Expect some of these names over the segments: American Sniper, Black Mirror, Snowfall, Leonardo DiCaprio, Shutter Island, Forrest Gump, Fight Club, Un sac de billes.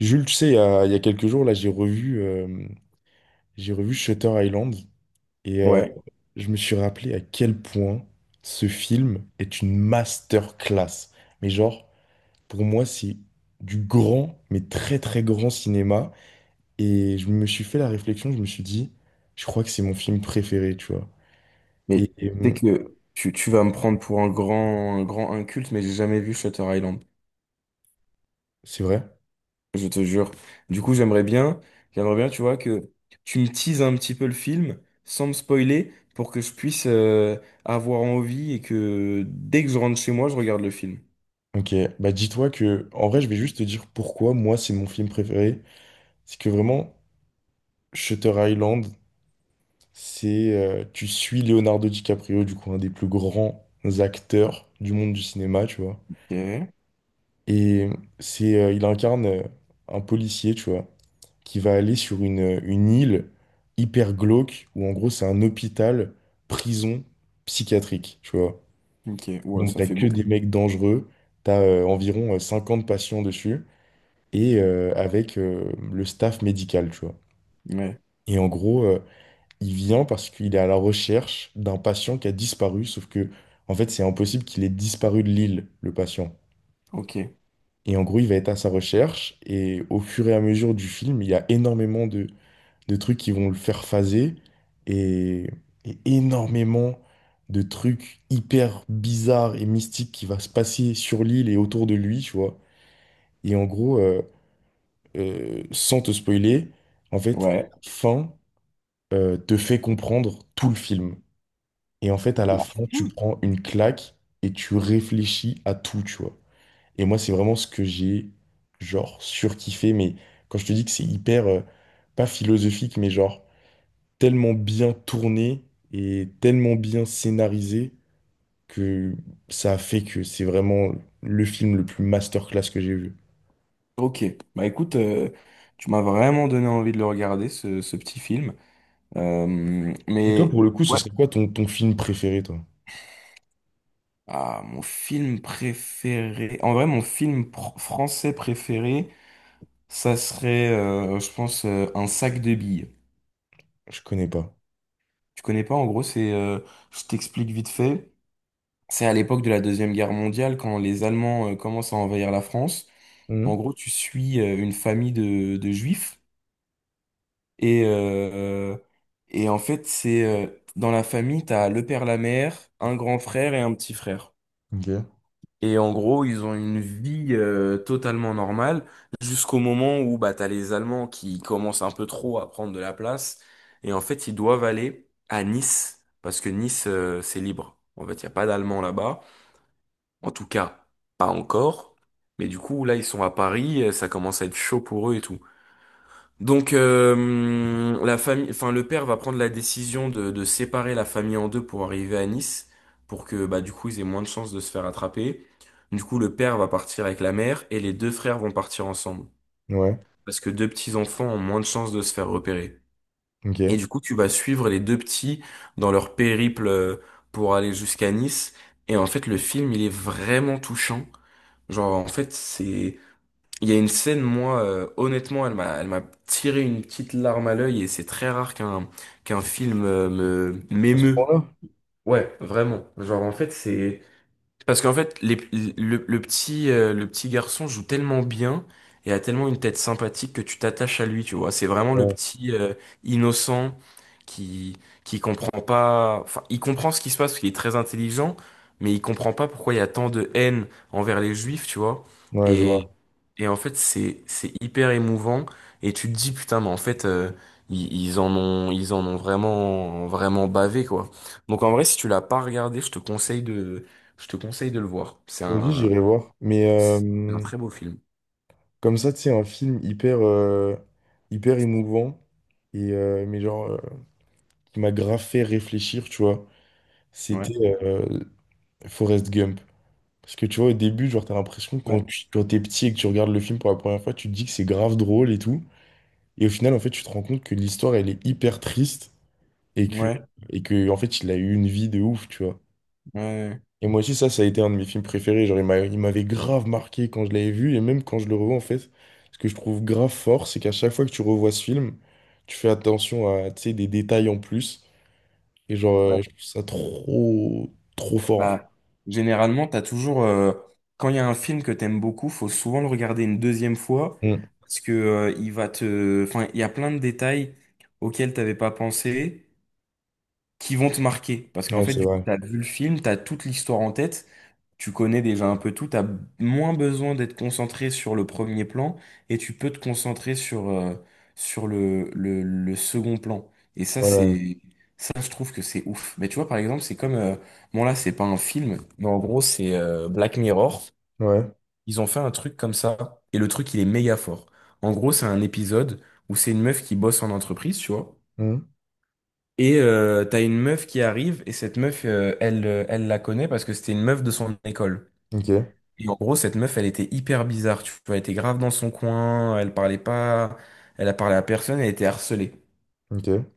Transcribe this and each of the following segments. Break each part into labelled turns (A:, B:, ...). A: Jules, tu sais, il y a quelques jours, là, j'ai revu Shutter Island et euh,
B: Ouais,
A: je me suis rappelé à quel point ce film est une masterclass. Mais genre, pour moi, c'est du grand, mais très très grand cinéma. Et je me suis fait la réflexion, je me suis dit, je crois que c'est mon film préféré, tu vois.
B: mais
A: Et, et,
B: tu sais
A: hum,
B: que tu vas me prendre pour un grand inculte, mais j'ai jamais vu Shutter Island,
A: c'est vrai?
B: je te jure. Du coup, j'aimerais bien, tu vois, que tu me teases un petit peu le film sans me spoiler pour que je puisse avoir envie et que dès que je rentre chez moi, je regarde le film.
A: Ok, bah dis-toi que, en vrai, je vais juste te dire pourquoi moi, c'est mon film préféré. C'est que vraiment, Shutter Island, tu suis Leonardo DiCaprio, du coup, un des plus grands acteurs du monde du cinéma, tu vois.
B: Ok,
A: Et il incarne un policier, tu vois, qui va aller sur une île hyper glauque, où en gros, c'est un hôpital, prison psychiatrique, tu vois.
B: ok, ouais,
A: Donc,
B: ça
A: t'as
B: fait
A: que des
B: beaucoup.
A: mecs dangereux, t'as environ 50 patients dessus, et avec le staff médical, tu vois.
B: Ouais,
A: Et en gros, Il vient parce qu'il est à la recherche d'un patient qui a disparu, sauf que, en fait, c'est impossible qu'il ait disparu de l'île, le patient.
B: ok,
A: Et en gros, il va être à sa recherche, et au fur et à mesure du film, il y a énormément de trucs qui vont le faire phaser, et, et énormément de trucs hyper bizarres et mystiques qui va se passer sur l'île et autour de lui, tu vois. Et en gros, sans te spoiler, en fait,
B: ouais.
A: fin, te fait comprendre tout le film. Et en fait, à la
B: La
A: fin, tu
B: fin.
A: prends une claque et tu réfléchis à tout, tu vois. Et moi, c'est vraiment ce que j'ai, genre, surkiffé. Mais quand je te dis que c'est hyper pas philosophique, mais genre, tellement bien tourné et tellement bien scénarisé que ça a fait que c'est vraiment le film le plus masterclass que j'ai vu.
B: Ok, bah écoute, tu m'as vraiment donné envie de le regarder, ce petit film. Euh,
A: Et toi,
B: mais.
A: pour le coup, ce
B: Ouais.
A: serait quoi ton, ton film préféré, toi?
B: Ah, mon film préféré. En vrai, français préféré, ça serait, je pense, Un sac de billes.
A: Je connais pas.
B: Tu connais pas? En gros, c'est, je t'explique vite fait. C'est à l'époque de la Deuxième Guerre mondiale, quand les Allemands, commencent à envahir la France. En
A: Mhm.
B: gros, tu suis une famille de juifs et, euh, et en fait, c'est dans la famille, t'as le père, la mère, un grand frère et un petit frère.
A: Ok.
B: Et en gros, ils ont une vie totalement normale jusqu'au moment où bah, t'as les Allemands qui commencent un peu trop à prendre de la place. Et en fait, ils doivent aller à Nice parce que Nice, c'est libre. En fait, il n'y a pas d'Allemands là-bas. En tout cas, pas encore. Mais du coup, là, ils sont à Paris, ça commence à être chaud pour eux et tout. Donc la famille, enfin le père va prendre la décision de séparer la famille en deux pour arriver à Nice, pour que bah du coup ils aient moins de chances de se faire attraper. Du coup le père va partir avec la mère et les deux frères vont partir ensemble,
A: Ouais.
B: parce que deux petits enfants ont moins de chances de se faire repérer. Et
A: Ok.
B: du coup tu vas suivre les deux petits dans leur périple pour aller jusqu'à Nice. Et en fait le film il est vraiment touchant. Genre en fait c'est il y a une scène, moi, honnêtement, elle m'a tiré une petite larme à l'œil et c'est très rare qu'un film me
A: À ce
B: m'émeut.
A: point-là?
B: Ouais, vraiment. Genre, en fait, c'est parce qu'en fait, les- le petit garçon joue tellement bien et a tellement une tête sympathique que tu t'attaches à lui, tu vois. C'est vraiment le
A: Ouais.
B: petit innocent qui qui comprend pas. Enfin, il comprend ce qui se passe parce qu'il est très intelligent, mais il comprend pas pourquoi il y a tant de haine envers les juifs, tu vois.
A: Ouais, je
B: Et
A: vois.
B: et en fait, c'est hyper émouvant. Et tu te dis putain, mais en fait, ils en ont ils en ont vraiment vraiment bavé quoi. Donc en vrai, si tu l'as pas regardé, je te conseille de le voir.
A: Vas-y, j'irai voir. Mais
B: C'est un
A: euh,
B: très beau film.
A: comme ça, tu sais, un film hyper hyper émouvant, mais genre qui m'a grave fait réfléchir, tu vois,
B: Ouais,
A: c'était euh, Forrest Gump. Parce que tu vois, au début, genre, t'as l'impression que quand
B: ouais,
A: tu, quand t'es petit et que tu regardes le film pour la première fois, tu te dis que c'est grave drôle et tout. Et au final, en fait, tu te rends compte que l'histoire, elle est hyper triste et que,
B: ouais,
A: et que, en fait, il a eu une vie de ouf, tu vois.
B: ouais,
A: Et moi aussi, ça a été un de mes films préférés. Genre, il m'avait grave marqué quand je l'avais vu, et même quand je le revois, en fait, ce que je trouve grave fort, c'est qu'à chaque fois que tu revois ce film, tu fais attention à, tu sais, des détails en plus. Et genre,
B: ouais.
A: euh, je trouve ça trop, trop fort, en fait.
B: Bah, généralement, t'as toujours, quand il y a un film que t'aimes beaucoup, faut souvent le regarder une deuxième fois
A: Mm.
B: parce que, enfin, il y a plein de détails auxquels t'avais pas pensé qui vont te marquer parce qu'en
A: Ouais,
B: fait,
A: c'est
B: du coup,
A: vrai.
B: t'as vu le film, t'as toute l'histoire en tête, tu connais déjà un peu tout, t'as moins besoin d'être concentré sur le premier plan et tu peux te concentrer sur, sur le second plan. Et ça,
A: Ouais,
B: ça, je trouve que c'est ouf. Mais tu vois, par exemple, c'est comme, bon là, c'est pas un film, mais en gros, c'est Black Mirror.
A: ouais.
B: Ils ont fait un truc comme ça et le truc, il est méga fort. En gros, c'est un épisode où c'est une meuf qui bosse en entreprise, tu vois.
A: Mm.
B: Et t'as une meuf qui arrive et cette meuf, elle la connaît parce que c'était une meuf de son école.
A: Ok,
B: Et en gros, cette meuf, elle était hyper bizarre, tu vois, elle était grave dans son coin, elle parlait pas, elle a parlé à personne, elle était harcelée.
A: ok,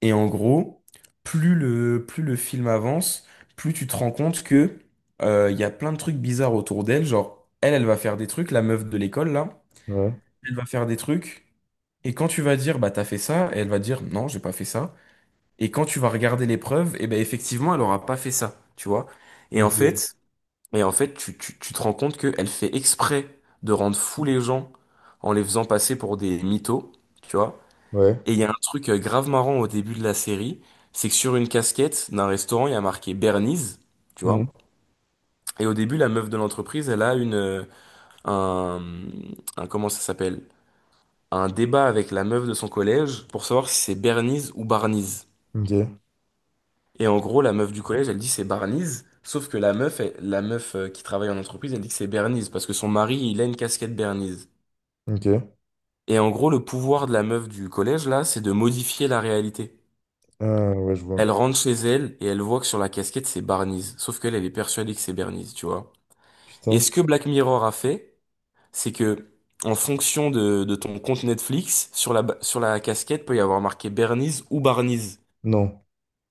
B: Et en gros, plus le film avance, plus tu te rends compte que il y a plein de trucs bizarres autour d'elle, genre, elle va faire des trucs, la meuf de l'école, là,
A: ouais,
B: elle va faire des trucs, et quand tu vas dire, bah, t'as fait ça, elle va dire, non, j'ai pas fait ça, et quand tu vas regarder les preuves, et ben, effectivement, elle aura pas fait ça, tu vois. Et en
A: ok,
B: fait, Et en fait, tu te rends compte qu'elle fait exprès de rendre fous les gens en les faisant passer pour des mythos, tu vois.
A: ouais,
B: Et il y a un truc grave marrant au début de la série, c'est que sur une casquette d'un restaurant, il y a marqué Bernice, tu vois.
A: Mm.
B: Et au début, la meuf de l'entreprise, elle a une, un, un, comment ça s'appelle? Un débat avec la meuf de son collège pour savoir si c'est Bernice ou Barnies.
A: Ok,
B: Et en gros, la meuf du collège, elle dit c'est Barney's. Sauf que la meuf qui travaille en entreprise, elle dit que c'est Bernice parce que son mari, il a une casquette Bernice.
A: ok.
B: Et en gros, le pouvoir de la meuf du collège, là, c'est de modifier la réalité.
A: Ah, ouais, je vois.
B: Elle rentre chez elle et elle voit que sur la casquette, c'est Barney's. Sauf qu'elle, elle est persuadée que c'est Bernice, tu vois. Et ce
A: Putain,
B: que Black Mirror a fait, c'est que, en fonction de ton compte Netflix, sur sur la casquette peut y avoir marqué Bernice ou Barney's.
A: non.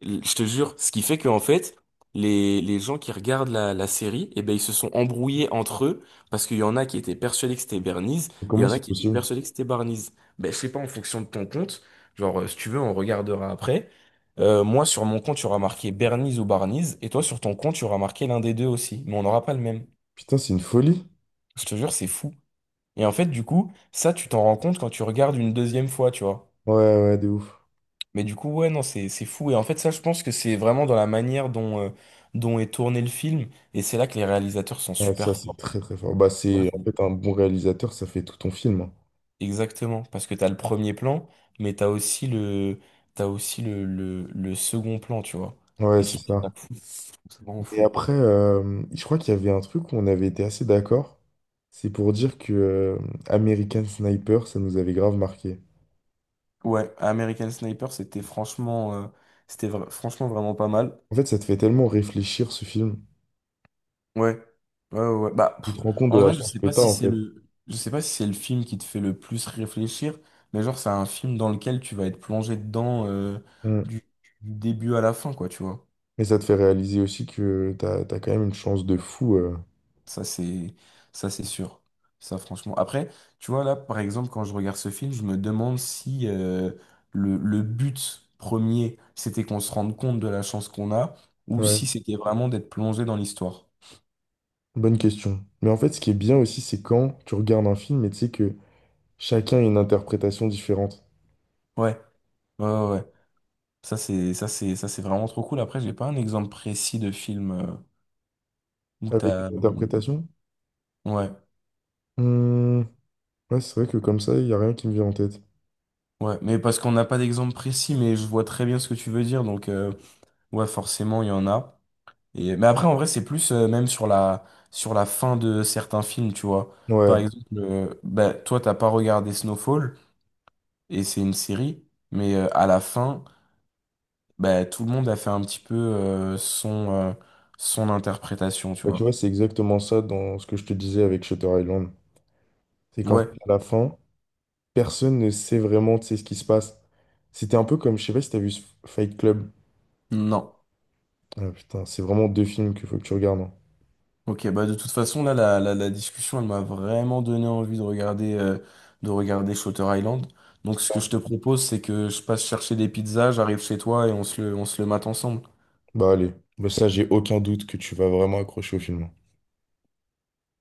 B: Je te jure, ce qui fait qu'en fait, les gens qui regardent la série, eh ben, ils se sont embrouillés entre eux parce qu'il y en a qui étaient persuadés que c'était Bernice et il y
A: Comment
B: en a
A: c'est
B: qui étaient
A: possible?
B: persuadés que c'était Barniz. Ben, je sais pas, en fonction de ton compte, genre, si tu veux, on regardera après. Moi, sur mon compte, tu auras marqué Bernice ou Barniz et toi, sur ton compte, tu auras marqué l'un des deux aussi. Mais on n'aura pas le même.
A: Putain, c'est une folie.
B: Je te jure, c'est fou. Et en fait, du coup, ça, tu t'en rends compte quand tu regardes une deuxième fois, tu vois.
A: Ouais, ouais, de ouf.
B: Mais du coup, ouais, non, c'est fou. Et en fait, ça, je pense que c'est vraiment dans la manière dont, dont est tourné le film. Et c'est là que les réalisateurs sont
A: Ouais, ça,
B: super
A: c'est
B: forts.
A: très très fort. Bah,
B: Tu vois,
A: c'est en
B: c'est-
A: fait un bon réalisateur, ça fait tout ton film, hein.
B: exactement. Parce que t'as le premier plan, mais t'as aussi le second plan, tu vois.
A: Ouais,
B: Et je
A: c'est
B: trouve ça
A: ça.
B: fou. Je trouve ça vraiment
A: Et
B: fou.
A: après, je crois qu'il y avait un truc où on avait été assez d'accord. C'est pour dire que American Sniper, ça nous avait grave marqué.
B: Ouais, American Sniper, c'était franchement, franchement vraiment pas mal.
A: En fait, ça te fait tellement réfléchir ce film.
B: Ouais, ouais, ouais, ouais. Bah,
A: Tu
B: pff,
A: te rends compte de
B: en
A: la
B: vrai,
A: chance que t'as en fait.
B: je sais pas si c'est le film qui te fait le plus réfléchir, mais genre c'est un film dans lequel tu vas être plongé dedans
A: Mm.
B: du, du début à la fin, quoi, tu vois.
A: Et ça te fait réaliser aussi que t'as quand même une chance de fou, euh.
B: Ça c'est, ça c'est sûr. Ça franchement. Après, tu vois là, par exemple, quand je regarde ce film, je me demande si le but premier, c'était qu'on se rende compte de la chance qu'on a, ou
A: Ouais,
B: si c'était vraiment d'être plongé dans l'histoire.
A: bonne question. Mais en fait, ce qui est bien aussi, c'est quand tu regardes un film et tu sais que chacun a une interprétation différente.
B: Ouais, ouais, ouais, ouais. Ça, c'est vraiment trop cool. Après, j'ai pas un exemple précis de film où
A: Avec
B: t'as.
A: une interprétation,
B: Ouais,
A: Hmm, ouais, c'est vrai que comme ça, il n'y a rien qui me vient en tête.
B: ouais. Mais parce qu'on n'a pas d'exemple précis, mais je vois très bien ce que tu veux dire. Donc, ouais, forcément, il y en a. Et… Mais après, en vrai, c'est plus même sur sur la fin de certains films, tu vois. Par
A: Ouais,
B: exemple, bah, toi, t'as pas regardé Snowfall, et c'est une série, mais à la fin, bah, tout le monde a fait un petit peu son interprétation, tu
A: Bah, tu
B: vois.
A: vois, c'est exactement ça dans ce que je te disais avec Shutter Island. C'est qu'en fait,
B: Ouais,
A: à la fin, personne ne sait vraiment, tu sais, ce qui se passe. C'était un peu comme, je sais pas si t'as vu ce Fight Club.
B: non.
A: Ah, putain, c'est vraiment deux films qu'il faut que tu regardes, hein.
B: Ok, bah de toute façon, là, la discussion, elle m'a vraiment donné envie de regarder Shutter Island. Donc, ce que je te propose, c'est que je passe chercher des pizzas, j'arrive chez toi et on se le mate ensemble.
A: Bah allez, Bah, ça, j'ai aucun doute que tu vas vraiment accrocher au film.